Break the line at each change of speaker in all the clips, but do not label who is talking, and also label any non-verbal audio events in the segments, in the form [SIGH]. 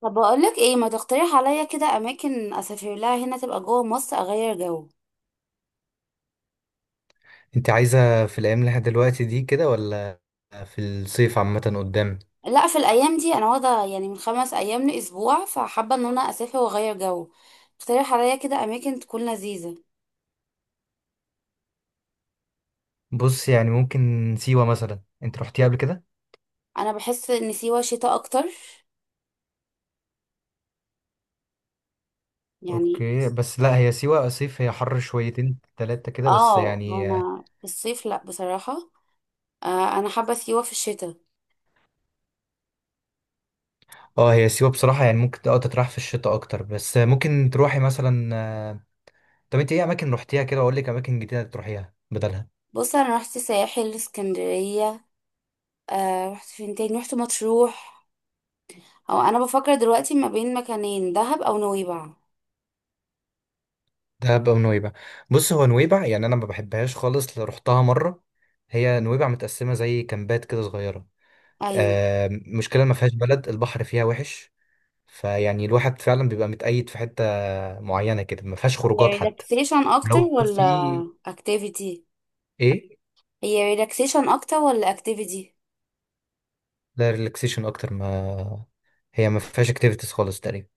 طب، بقولك ايه، ما تقترح عليا كده اماكن اسافر لها هنا تبقى جوه مصر اغير جو؟
انت عايزة في الأيام اللي احنا دلوقتي دي كده، ولا في الصيف عامة قدام؟
لا، في الايام دي انا واخده يعني من 5 ايام لاسبوع، فحابه ان انا اسافر واغير جو. اقترح عليا كده اماكن تكون لذيذه.
بص، يعني ممكن سيوة مثلا. انت رحتيها قبل كده؟
انا بحس ان سيوه شتاء اكتر، يعني.
اوكي، بس لا هي سيوة صيف، هي حر شويتين تلاتة كده بس
اه،
يعني.
انا في الصيف لا بصراحه. آه، انا حابه سيوه في الشتاء.
اه، هي سيوة بصراحة يعني ممكن تتراح في الشتاء اكتر، بس ممكن تروحي مثلا طب انت ايه اماكن رحتيها كده، واقول لك اماكن جديدة تروحيها بدلها؟
بص، انا رحت ساحل اسكندريه. آه، رحت فين تاني، رحت مطروح. او انا بفكر دلوقتي ما بين مكانين، دهب او نويبع.
دهب او نويبع. بص، هو نويبع يعني انا ما بحبهاش خالص، لا رحتها مرة. هي نويبع متقسمة زي كامبات كده صغيرة.
ايوه.
مشكلة ما فيهاش بلد، البحر فيها وحش. فيعني الواحد فعلا بيبقى متقيد في حتة معينة كده، ما فيهاش خروجات
هي
حتى.
ريلاكسيشن اكتر
ولو
ولا
في.
اكتيفيتي؟
ايه؟
هي ريلاكسيشن اكتر ولا اكتيفيتي؟
ده ريلاكسيشن اكتر، ما هي ما فيهاش اكتيفيتيز خالص تقريبا.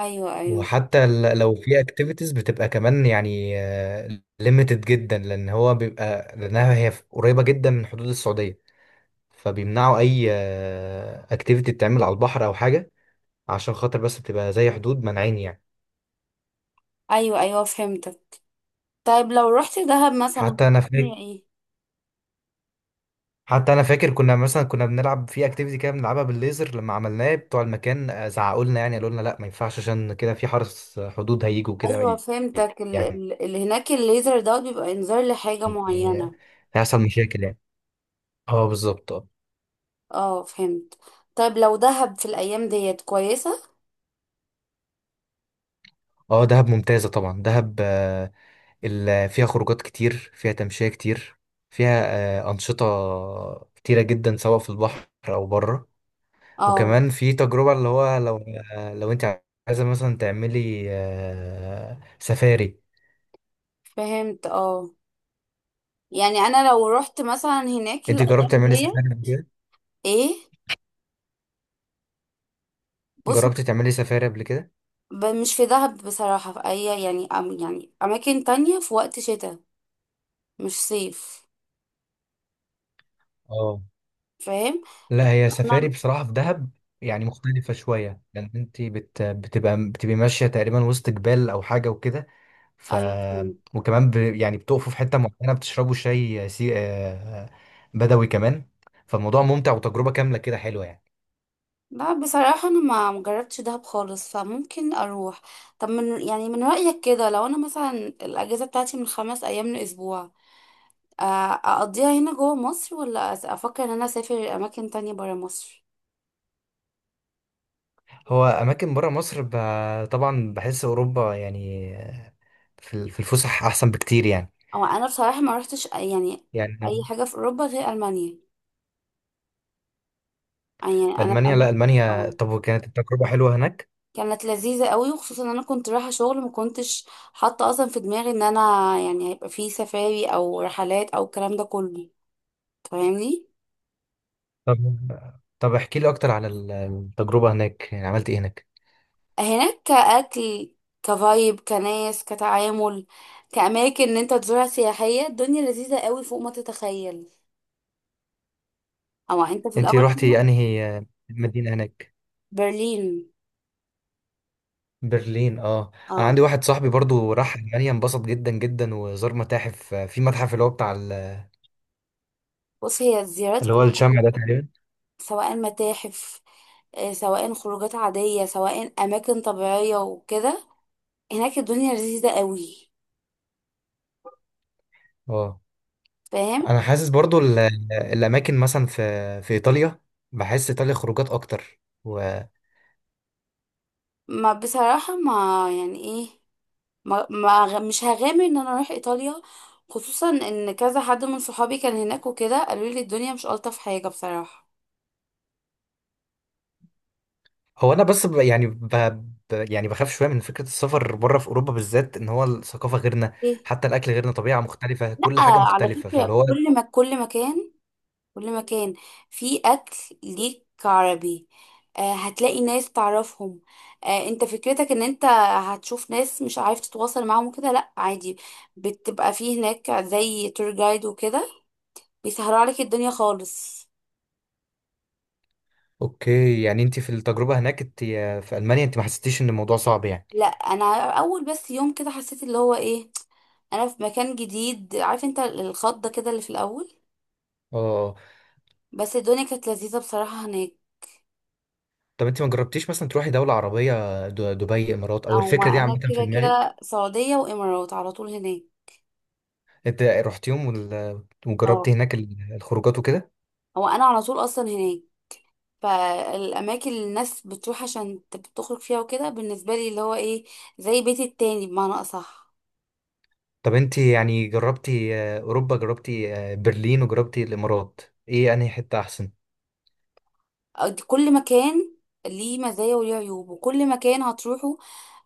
ايوه، ايوه.
وحتى لو في اكتيفيتيز بتبقى كمان يعني ليميتد جدا، لان هو بيبقى، لانها هي قريبة جدا من حدود السعودية. فبيمنعوا اي اكتيفيتي تتعمل على البحر او حاجة، عشان خاطر بس بتبقى زي حدود مانعين يعني.
ايوه، ايوه، فهمتك. طيب، لو رحت دهب مثلا.
حتى انا
هي
فاكر
ايه؟
حتى انا فاكر كنا مثلا كنا بنلعب في اكتيفيتي كده، بنلعبها بالليزر. لما عملناه بتوع المكان زعقوا لنا، يعني قالوا لنا لا ما ينفعش، عشان كده في حرس حدود هيجوا كده،
ايوه، فهمتك. ال
يعني
ال اللي هناك الليزر ده بيبقى انذار لحاجه معينه.
هيحصل مشاكل يعني. اه بالظبط اه.
اه، فهمت. طيب، لو دهب في الايام ديت كويسه؟
اه، دهب ممتازة طبعا. دهب فيها خروجات كتير، فيها تمشية كتير، فيها أنشطة كتيرة جدا، سواء في البحر أو بره.
اه.
وكمان في تجربة اللي هو لو لو أنت عايزة مثلا تعملي سفاري.
فهمت، اه. يعني انا لو رحت مثلا هناك
انت
الايام
جربت تعملي
ديت؟
سفاري قبل كده؟
ايه. بص.
جربت تعملي سفاري قبل كده؟
مش في دهب بصراحة، في أي، يعني، يعني أماكن تانية في وقت شتاء، مش صيف.
اه،
فاهم.
لا هي سفاري
انا
بصراحة في دهب يعني مختلفة شوية، لأن أنت بتبقي ماشية تقريبا وسط جبال أو حاجة وكده. ف
ايوه، فهمت.
وكمان يعني بتقفوا في حتة معينة بتشربوا شاي بدوي كمان. فالموضوع ممتع، وتجربة كاملة كده حلوة يعني.
لا بصراحة، انا ما مجربتش دهب خالص، فممكن اروح. طب يعني من رأيك كده، لو انا مثلا، الاجازة بتاعتي من 5 ايام لاسبوع، اقضيها هنا جوه مصر، ولا افكر ان انا اسافر اماكن تانية برا مصر؟
هو أماكن برا مصر طبعا بحس أوروبا يعني في في الفسح أحسن بكتير يعني.
او انا بصراحة ما روحتش يعني
يعني
اي حاجة في اوروبا غير المانيا. يعني انا في
ألمانيا؟ لا
اماكن.
ألمانيا،
اه.
طب وكانت التجربة حلوة هناك؟
كانت لذيذة قوي، وخصوصا ان انا كنت رايحة شغل، ما كنتش حاطة اصلا في دماغي ان انا يعني هيبقى في سفاري او رحلات او الكلام ده كله. فاهمني؟
طب طب احكي لي اكتر على التجربة هناك، يعني عملت ايه هناك؟
هناك كأكل، كفايب، كناس، كتعامل، كأماكن ان انت تزورها سياحية، الدنيا لذيذة قوي فوق ما تتخيل. او انت في
انت
الاول
روحتي
كده.
انهي مدينة هناك؟
برلين.
برلين، اه. انا
اه.
عندي واحد صاحبي برضو راح المانيا، انبسط جدا جدا، وزار متاحف، في متحف اللي هو بتاع
بص، هي الزيارات
اللي هو
كلها،
الشمع ده تقريبا.
سواء متاحف، سواء خروجات عادية، سواء أماكن طبيعية وكده، هناك الدنيا لذيذة قوي.
اه،
فاهم؟
انا حاسس برضو الاماكن مثلا في ايطاليا. بحس ايطاليا خروجات اكتر، وهو
ما بصراحة ما يعني ايه، ما مش هغامر ان انا اروح ايطاليا، خصوصا ان كذا حد من صحابي كان هناك وكده، قالوا لي الدنيا مش الطف حاجة بصراحة.
انا بس يعني يعني بخاف شويه من فكره السفر بره في اوروبا بالذات، ان هو الثقافه غيرنا،
ايه.
حتى الاكل غيرنا، طبيعه مختلفه،
لا
كل حاجه
على
مختلفه، فاللي
فكرة،
هو
كل ما كل مكان، كل مكان، في أكل ليك عربي. آه، هتلاقي ناس تعرفهم. آه، انت فكرتك ان انت هتشوف ناس مش عارف تتواصل معاهم وكده، لا عادي. بتبقى في هناك زي تور جايد وكده، بيسهروا عليك الدنيا خالص.
اوكي، يعني انت في التجربه هناك، انت في المانيا، انت ما حسيتيش ان الموضوع صعب يعني؟
لا، انا اول بس يوم كده حسيت اللي هو ايه، انا في مكان جديد، عارف انت الخضه كده اللي في الاول.
اه.
بس الدنيا كانت لذيذه بصراحه هناك.
طب انت ما جربتيش مثلا تروحي دوله عربيه، دبي، امارات؟ او
او
الفكره دي عامه
انا
في
كده
دماغك؟
كده سعوديه وامارات على طول هناك.
انت رحتيهم،
اه.
وجربتي هناك الخروجات وكده؟
هو انا على طول اصلا هناك. فالاماكن اللي الناس بتروح عشان تخرج فيها وكده، بالنسبه لي اللي هو ايه، زي بيتي التاني بمعنى اصح.
طب انت يعني جربتي اوروبا، جربتي برلين، وجربتي الامارات. ايه انهي حته احسن؟
أو كل مكان ليه مزايا وليه عيوب، وكل مكان هتروحه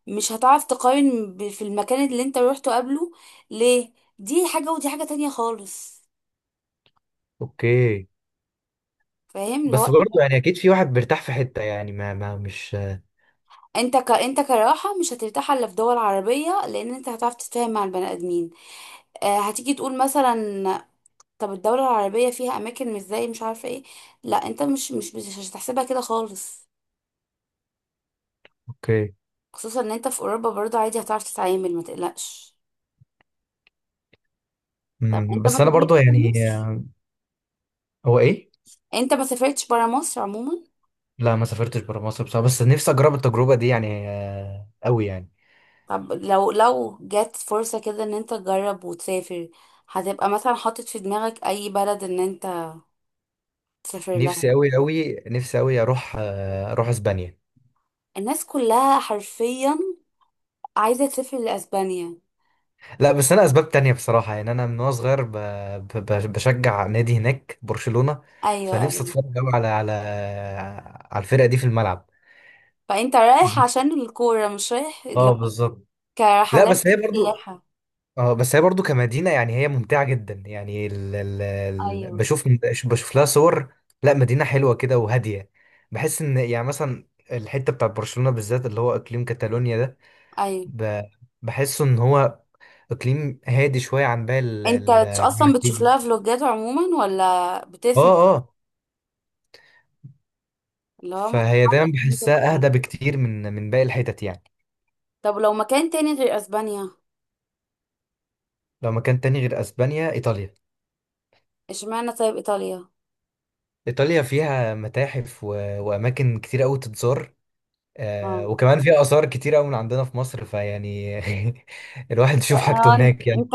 مش هتعرف تقارن في المكان اللي انت روحته قبله، ليه، دي حاجة ودي حاجة تانية خالص.
اوكي،
فاهم اللي هو،
بس برضه يعني اكيد في واحد بيرتاح في حته يعني ما مش
انت كراحة مش هترتاح الا في دول عربية، لان انت هتعرف تتفاهم مع البني ادمين. آه، هتيجي تقول مثلا، طب الدولة العربية فيها اماكن مش زي، مش عارفة ايه. لا، انت مش هتحسبها كده خالص،
اوكي.
خصوصا ان انت في اوروبا برضه عادي هتعرف تتعامل، ما تقلقش. طب انت
بس
ما
انا برضه
سافرتش في
يعني
مصر؟
هو ايه؟
انت ما سافرتش برا مصر عموما؟
لا، ما سافرتش برا مصر بصراحة، بس نفسي أجرب التجربة دي يعني أوي يعني.
طب لو جت فرصة كده ان انت تجرب وتسافر، هتبقى مثلا حاطط في دماغك اي بلد ان انت تسافر
نفسي
لها؟
أوي أوي نفسي أوي أروح أسبانيا.
الناس كلها حرفيا عايزة تسافر لأسبانيا.
لا، بس أنا أسباب تانية بصراحة، يعني أنا من وأنا صغير بشجع نادي هناك، برشلونة.
ايوه، ايوه.
فنفسي أتفرج أوي على الفرقة دي في الملعب.
فانت رايح
بس-
عشان الكورة، مش رايح لو
اه بالظبط. لا
كرحلات
بس هي برضو.
وسياحة؟
اه، بس هي برضو كمدينة يعني هي ممتعة جدا يعني ال ال ال
ايوه،
بشوف. بشوف لها صور. لا، مدينة حلوة كده وهادية. بحس ان يعني مثلا الحتة بتاعت برشلونة بالذات، اللي هو اقليم كاتالونيا ده.
ايوه.
ب- بحسه ان هو اقليم هادي شوية عن باقي
انت
عن
اصلا بتشوف
مدريد.
لها فلوجات عموما ولا
اه،
بتسمع،
اه.
اللي هو
فهي
متحمس
دايما
إن أنت
بحسها
تروح؟
اهدى بكتير من باقي الحتت يعني.
طب لو مكان تاني غير اسبانيا؟
لو مكان تاني غير اسبانيا، ايطاليا.
اشمعنى طيب ايطاليا؟
ايطاليا فيها متاحف واماكن كتير قوي تتزار،
اه.
وكمان في آثار كتيرة أوي من عندنا في مصر، فيعني [LAUGHS] الواحد يشوف
آه،
حاجته
انت
هناك
[LAUGHS]
يعني.
انت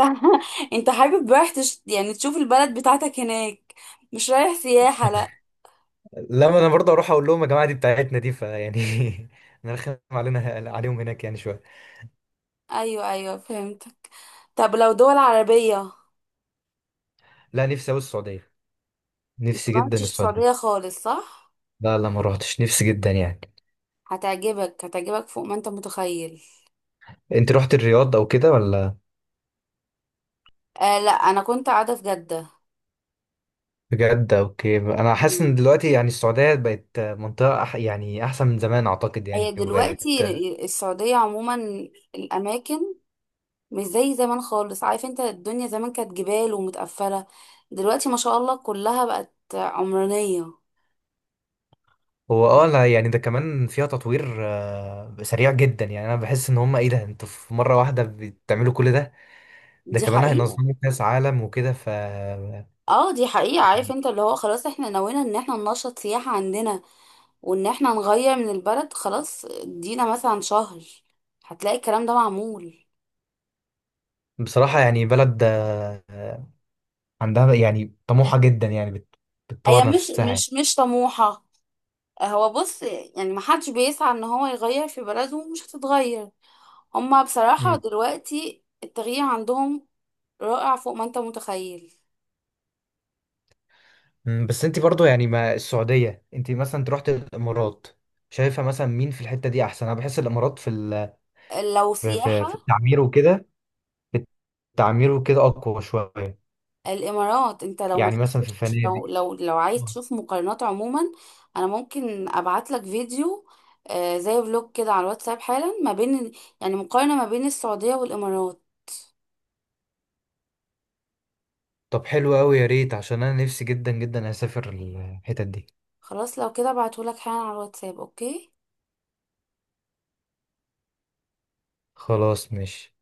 انت حابب رايح يعني تشوف البلد بتاعتك هناك، مش رايح سياحة، لا؟
لما أنا برضه أروح أقول لهم يا جماعة دي بتاعتنا دي، فيعني [LAUGHS] نرخم عليهم هناك يعني شوية.
ايوه، ايوه، فهمتك. طب لو دول عربية؟
لا، نفسي أوي السعودية.
انت
نفسي
ما
جدا
رحتش السعودية
السعودية.
خالص، صح؟
لا، لا، ما روحتش، نفسي جدا يعني.
هتعجبك، هتعجبك فوق ما انت متخيل.
أنت رحت الرياض أو كده، ولا؟
آه، لا، انا كنت قاعدة في جدة.
بجد؟ أوكي، أنا حاسس
مم.
إن دلوقتي يعني السعودية بقت منطقة يعني أحسن من زمان أعتقد
هي
يعني وبقت
دلوقتي، السعودية عموما، الأماكن مش زي زمان خالص، عارف انت الدنيا زمان كانت جبال ومتقفلة، دلوقتي ما شاء الله كلها بقت عمرانية.
هو اه، لا يعني ده كمان فيها تطوير سريع جدا، يعني انا بحس ان هم ايه ده، انتوا في مره واحده بتعملوا كل ده؟ ده
دي
كمان
حقيقة.
هينظموا كاس عالم وكده
اه، دي حقيقة، عارف
يعني
انت اللي هو خلاص احنا نوينا ان احنا ننشط سياحة عندنا، وان احنا نغير من البلد، خلاص، ادينا مثلا شهر، هتلاقي الكلام ده معمول.
بصراحه، يعني بلد عندها يعني طموحه جدا يعني
هي
بتطور
مش
نفسها يعني.
مش مش طموحة، هو بص، يعني محدش بيسعى ان هو يغير في بلده ومش هتتغير. هما بصراحة
مم.
دلوقتي التغيير عندهم رائع فوق ما انت متخيل.
بس انت برضو يعني ما السعوديه، انت رحت الامارات. شايفه مثلا مين في الحته دي احسن؟ انا بحس الامارات في
لو
في في-
سياحة،
في التعمير وكده. التعمير وكده اقوى شويه،
الامارات، انت لو ما
يعني مثلا في
شفتش،
الفنادق.
لو عايز تشوف مقارنات عموما، انا ممكن ابعت لك فيديو، زي فلوج كده على الواتساب حالا، ما بين يعني مقارنة ما بين السعودية والامارات.
طب حلو قوي، يا ريت، عشان انا نفسي جدا جدا اسافر الحتت دي.
خلاص، لو كده ابعته لك حالا على الواتساب، اوكي؟
خلاص، ماشي.